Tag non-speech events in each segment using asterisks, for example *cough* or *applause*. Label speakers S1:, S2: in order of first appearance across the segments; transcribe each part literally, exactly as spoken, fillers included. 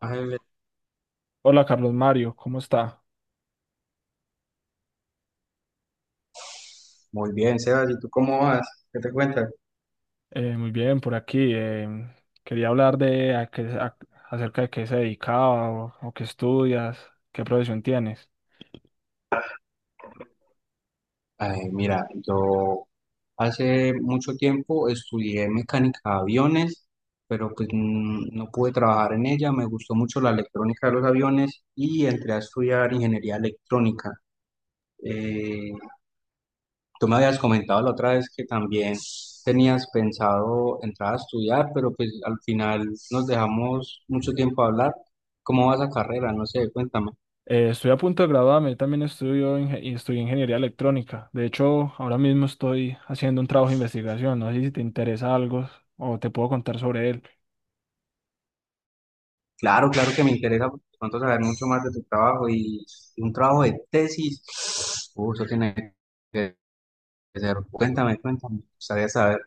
S1: Ángeles.
S2: Hola Carlos Mario, ¿cómo está?
S1: Muy bien, Sebas, ¿y tú cómo vas? ¿Qué te cuentas?
S2: Eh, muy bien, por aquí. Em, quería hablar de a qué- a- acerca de qué se dedicaba o, o qué estudias, qué profesión tienes.
S1: Ay, mira, yo hace mucho tiempo estudié mecánica de aviones, pero pues mm, no pude trabajar en ella, me gustó mucho la electrónica de los aviones y entré a estudiar ingeniería electrónica. Eh, Tú me habías comentado la otra vez que también tenías pensado entrar a estudiar, pero pues al final nos dejamos mucho tiempo a hablar. ¿Cómo va esa carrera? No sé, cuéntame.
S2: Eh, estoy a punto de graduarme, yo también estudio inge- y estudié ingeniería electrónica. De hecho, ahora mismo estoy haciendo un trabajo de investigación. No sé si te interesa algo o te puedo contar sobre él.
S1: Claro, claro que me interesa porque cuánto saber mucho más de tu trabajo y, y un trabajo de tesis. Uh, eso tiene que ser. Cuéntame, cuéntame. Me gustaría saber.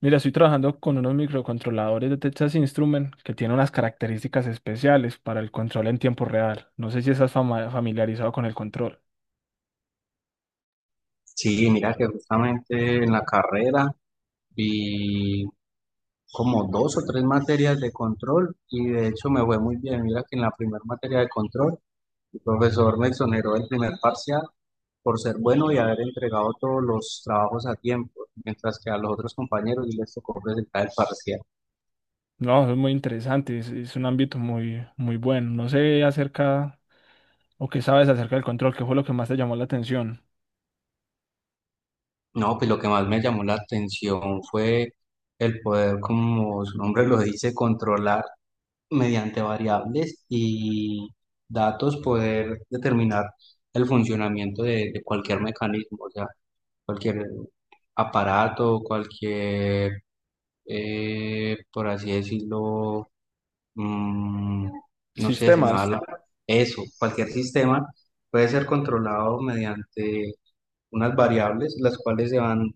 S2: Mira, estoy trabajando con unos microcontroladores de Texas Instrument que tienen unas características especiales para el control en tiempo real. No sé si estás fama- familiarizado con el control.
S1: Sí, mira que justamente en la carrera vi como dos o tres materias de control y de hecho me fue muy bien. Mira que en la primera materia de control el profesor me exoneró del primer parcial por ser bueno y haber entregado todos los trabajos a tiempo, mientras que a los otros compañeros sí les tocó presentar el parcial.
S2: No, eso es muy interesante, es, es un ámbito muy, muy bueno. No sé acerca, o qué sabes acerca del control, qué fue lo que más te llamó la atención.
S1: No, pues lo que más me llamó la atención fue el poder, como su nombre lo dice, controlar mediante variables y datos, poder determinar el funcionamiento de, de cualquier mecanismo, o sea, cualquier aparato, cualquier, eh, por así decirlo, mm, no sé, se me va
S2: Sistemas.
S1: la... Eso, cualquier sistema puede ser controlado mediante unas variables, las cuales se van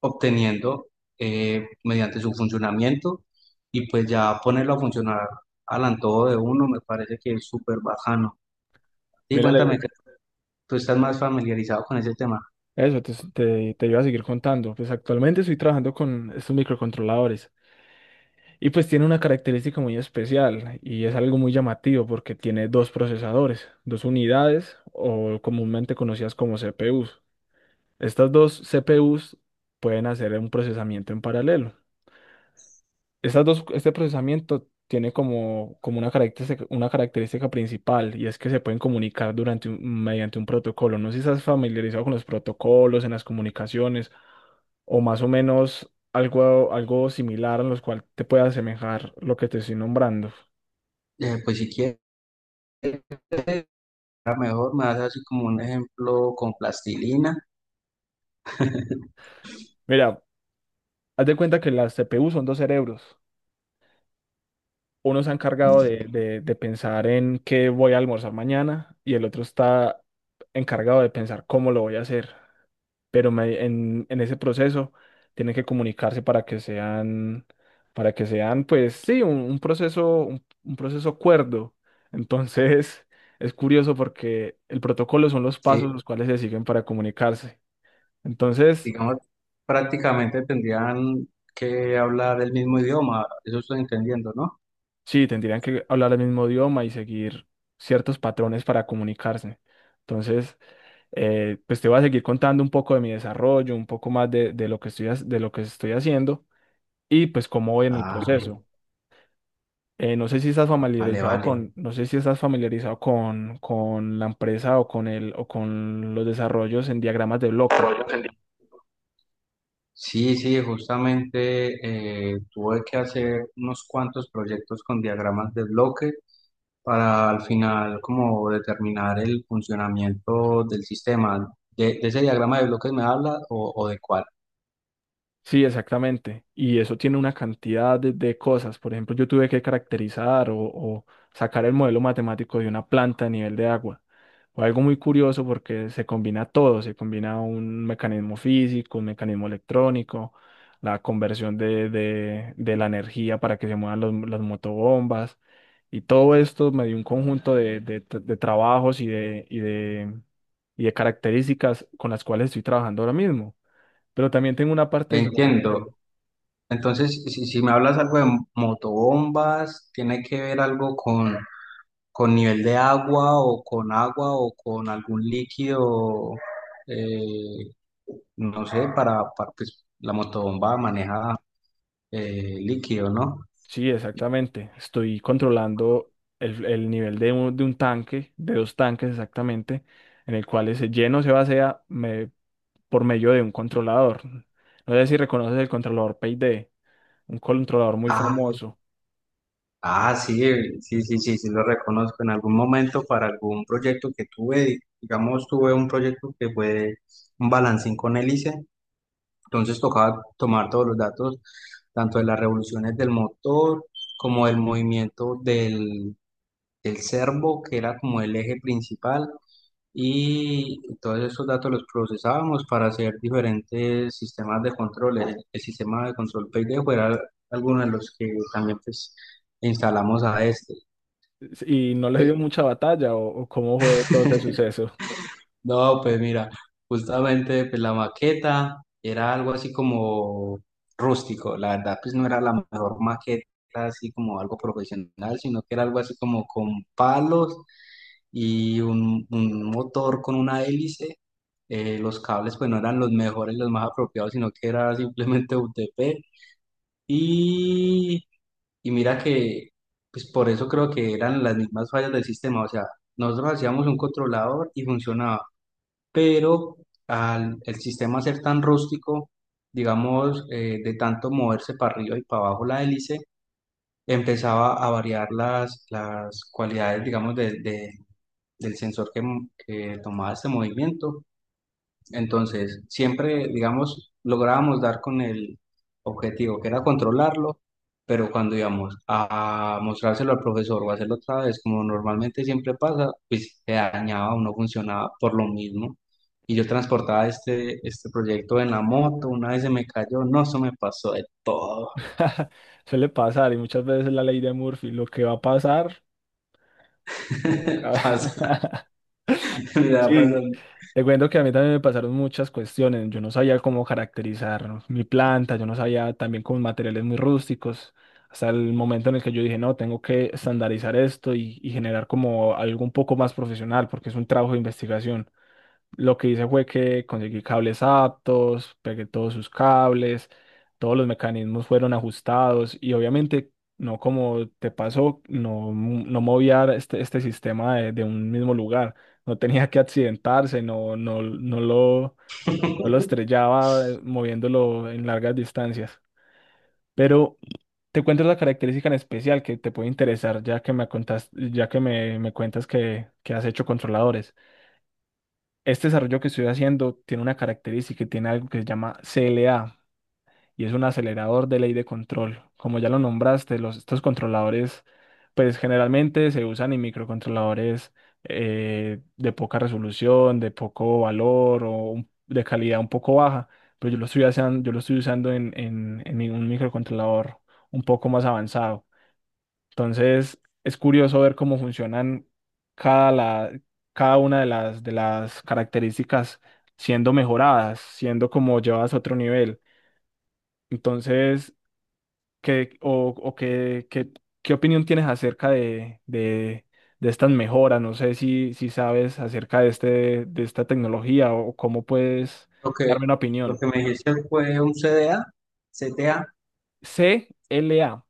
S1: obteniendo eh, mediante su funcionamiento y pues ya ponerlo a funcionar al antojo de uno me parece que es súper bajano. Y
S2: Mira,
S1: cuéntame
S2: le-
S1: que tú estás más familiarizado con ese tema.
S2: eso te, te, te iba a seguir contando. Pues actualmente estoy trabajando con estos microcontroladores y pues tiene una característica muy especial y es algo muy llamativo porque tiene dos procesadores, dos unidades o comúnmente conocidas como C P Us. Estas dos C P Us pueden hacer un procesamiento en paralelo. Estas dos, este procesamiento tiene como, como una característica, una característica principal y es que se pueden comunicar durante un- mediante un protocolo. No sé si estás familiarizado con los protocolos en las comunicaciones o más o menos algo, algo similar en los cual te pueda asemejar lo que te estoy nombrando.
S1: Eh, pues si quieres, mejor me das así como un ejemplo con plastilina.
S2: Mira, haz de cuenta que las C P U son dos cerebros. Uno se ha encargado de, de de pensar en qué voy a almorzar mañana y el otro está encargado de pensar cómo lo voy a hacer. pero me- en, en ese proceso tienen que comunicarse para que sean, para que sean, pues sí, un, un proceso, un, un proceso cuerdo. Entonces, *laughs* es curioso porque el protocolo son los
S1: Sí,
S2: pasos los cuales se siguen para comunicarse. Entonces,
S1: digamos, prácticamente tendrían que hablar el mismo idioma, eso estoy entendiendo, ¿no?
S2: sí, tendrían que hablar el mismo idioma y seguir ciertos patrones para comunicarse. Entonces, eh, pues te voy a seguir contando un poco de mi desarrollo, un poco más de, de lo que estoy, ha- de lo que estoy haciendo y pues cómo voy en el
S1: Ah,
S2: proceso. Eh, no sé si estás
S1: vale,
S2: familiarizado
S1: vale.
S2: con, no sé si estás familiarizado con, con la empresa o con el, o con los desarrollos en diagramas de bloque.
S1: Sí, sí, justamente eh, tuve que hacer unos cuantos proyectos con diagramas de bloque para al final como determinar el funcionamiento del sistema. ¿De, de ese diagrama de bloques me hablas o, o de cuál?
S2: Sí, exactamente. Y eso tiene una cantidad de, de cosas. Por ejemplo, yo tuve que caracterizar o, o sacar el modelo matemático de una planta a nivel de agua. Fue algo muy curioso porque se combina todo, se combina un mecanismo físico, un mecanismo electrónico, la conversión de, de, de la energía para que se muevan los- las motobombas. Y todo esto me dio un conjunto de, de tra- de trabajos y de, y de, y de características con las cuales estoy trabajando ahora mismo. Pero también tengo una parte de
S1: Entiendo.
S2: simulación.
S1: Entonces, si, si me hablas algo de motobombas, ¿tiene que ver algo con, con nivel de agua o con agua o con algún líquido? eh, no sé, para, para pues, la motobomba maneja, eh, líquido, ¿no?
S2: Sí, exactamente. Estoy controlando el, el nivel de un, de un tanque, de dos tanques exactamente, en el cual ese lleno se vacía me- por medio de un controlador. No sé si reconoces el controlador PyD, un controlador muy
S1: Ah,
S2: famoso.
S1: ah, sí, sí, sí, sí, sí, lo reconozco. En algún momento para algún proyecto que tuve, digamos, tuve un proyecto que fue un balancín con hélice, entonces tocaba tomar todos los datos, tanto de las revoluciones del motor como del movimiento del, del servo, que era como el eje principal, y todos esos datos los procesábamos para hacer diferentes sistemas de control. El, el sistema de control Paydejo era alguno de los que también pues, instalamos a este.
S2: Y no le dio mucha batalla o, o cómo fue todo este
S1: *laughs*
S2: suceso.
S1: No, pues mira, justamente pues, la maqueta era algo así como rústico, la verdad pues no era la mejor maqueta así como algo profesional, sino que era algo así como con palos y un, un motor con una hélice. Eh, los cables pues no eran los mejores, los más apropiados, sino que era simplemente U T P. Y, y mira que pues por eso creo que eran las mismas fallas del sistema. O sea, nosotros hacíamos un controlador y funcionaba, pero al el sistema ser tan rústico, digamos, eh, de tanto moverse para arriba y para abajo la hélice, empezaba a variar las, las cualidades, digamos, de, de- del sensor que, que tomaba este movimiento. Entonces, siempre, digamos, lográbamos dar con el objetivo que era controlarlo, pero cuando íbamos a mostrárselo al profesor o hacerlo otra vez, como normalmente siempre pasa, pues se dañaba o no funcionaba por lo mismo. Y yo transportaba este, este proyecto en la moto, una vez se me cayó, no, eso me pasó de todo.
S2: *laughs* Suele pasar y muchas veces la ley de Murphy, lo que va a pasar.
S1: *laughs*
S2: Ca-
S1: Pasa,
S2: *laughs*
S1: mira, pasa.
S2: Sí, te cuento que a mí también me pasaron muchas cuestiones. Yo no sabía cómo caracterizar mi planta, yo no sabía también con materiales muy rústicos. Hasta el momento en el que yo dije, no, tengo que estandarizar esto y, y generar como algo un poco más profesional, porque es un trabajo de investigación. Lo que hice fue que conseguí cables aptos, pegué todos sus cables, todos los mecanismos fueron ajustados y obviamente no como te pasó, no, mo- no movía este, este sistema de, de un mismo lugar, no tenía que accidentarse, no, no, no lo, no lo estrellaba eh, moviéndolo en largas distancias. Pero te cuento la característica en especial que te puede interesar ya que me contas, ya que me, me cuentas que, que has hecho controladores. Este desarrollo que estoy haciendo tiene una característica y tiene algo que se llama C L A y es un acelerador de ley de control. Como ya lo nombraste, los, estos controladores, pues generalmente se usan en microcontroladores eh, de poca resolución, de poco valor o un- de calidad un poco baja, pero yo lo estoy usando, yo lo estoy usando en, en en un microcontrolador un poco más avanzado. Entonces, es curioso ver cómo funcionan cada, la, cada una de las, de las características siendo mejoradas, siendo como llevadas a otro nivel. Entonces, ¿qué, o, o qué, qué, qué opinión tienes acerca de, de, de estas mejoras? No sé si, si sabes acerca de, este, de esta tecnología o cómo puedes
S1: Lo que,
S2: darme una
S1: lo
S2: opinión.
S1: que me dijiste fue un C D A, C T A.
S2: C L A.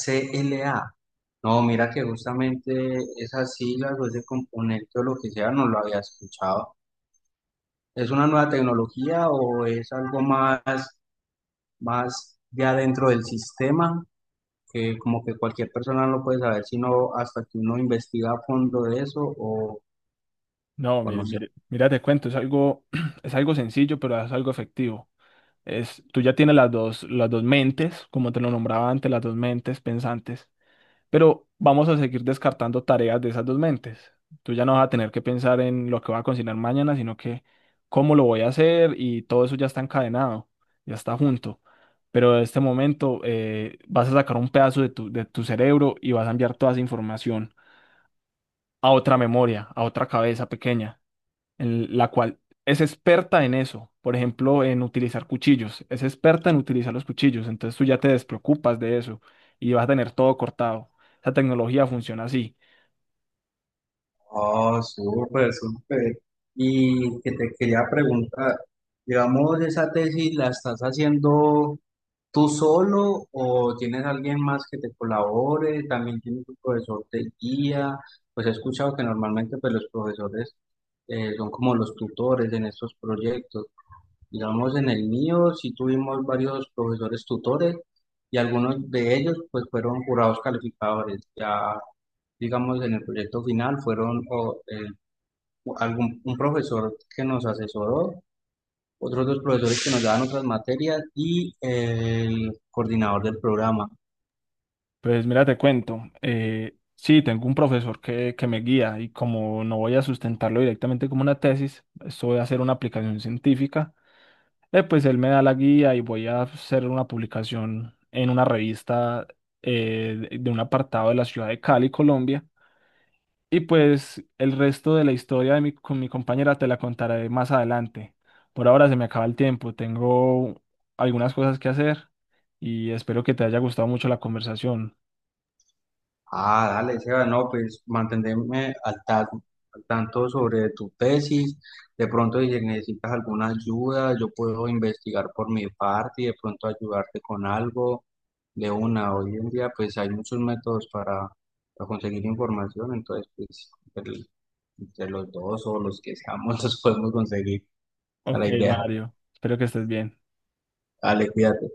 S1: C L A. No, mira que justamente esas siglas o ese componente o lo que sea no lo había escuchado. ¿Es una nueva tecnología o es algo más, más ya dentro del sistema? Que como que cualquier persona no puede saber sino hasta que uno investiga a fondo de eso o,
S2: No,
S1: o
S2: mire,
S1: no sé.
S2: mire, mira, te cuento, es algo, *clears throat* es algo sencillo, pero es algo efectivo. Es, tú ya tienes las dos, las dos mentes, como te lo nombraba antes, las dos mentes pensantes, pero vamos a seguir descartando tareas de esas dos mentes. Tú ya no vas a tener que pensar en lo que voy a cocinar mañana, sino que cómo lo voy a hacer y todo eso ya está encadenado, ya está junto. Pero en este momento eh, vas a sacar un pedazo de tu, de tu cerebro y vas a enviar toda esa información a otra memoria, a otra cabeza pequeña en la cual es experta en eso, por ejemplo, en utilizar cuchillos, es experta en utilizar los cuchillos, entonces tú ya te despreocupas de eso y vas a tener todo cortado. Esa tecnología funciona así.
S1: Oh, súper, súper. Y que te quería preguntar, digamos, esa tesis la estás haciendo. ¿Tú solo o tienes alguien más que te colabore? ¿También tienes un profesor de guía? Pues he escuchado que normalmente pues, los profesores, eh, son como los tutores en estos proyectos. Digamos, en el mío sí tuvimos varios profesores tutores y algunos de ellos pues fueron jurados calificadores. Ya, digamos, en el proyecto final fueron o, eh, algún, un profesor que nos asesoró, otros dos profesores que nos daban otras materias y el coordinador del programa.
S2: Pues mira, te cuento, eh, sí, tengo un profesor que, que me guía y como no voy a sustentarlo directamente como una tesis, esto voy a hacer una aplicación científica, eh, pues él me da la guía y voy a hacer una publicación en una revista eh, de de un apartado de la ciudad de Cali, Colombia. Y pues el resto de la historia de mi, con mi compañera te la contaré más adelante. Por ahora se me acaba el tiempo, tengo algunas cosas que hacer y espero que te haya gustado mucho la conversación.
S1: Ah, dale, Seba, no, pues mantenerme al tanto, al tanto sobre tu tesis. De pronto, si necesitas alguna ayuda, yo puedo investigar por mi parte y de pronto ayudarte con algo de una. Hoy en día, pues hay muchos métodos para, para conseguir información, entonces, pues entre, entre los dos o los que seamos, *laughs* los podemos conseguir. Esa es
S2: Ok,
S1: la idea.
S2: Mario, espero que estés bien.
S1: Dale, cuídate.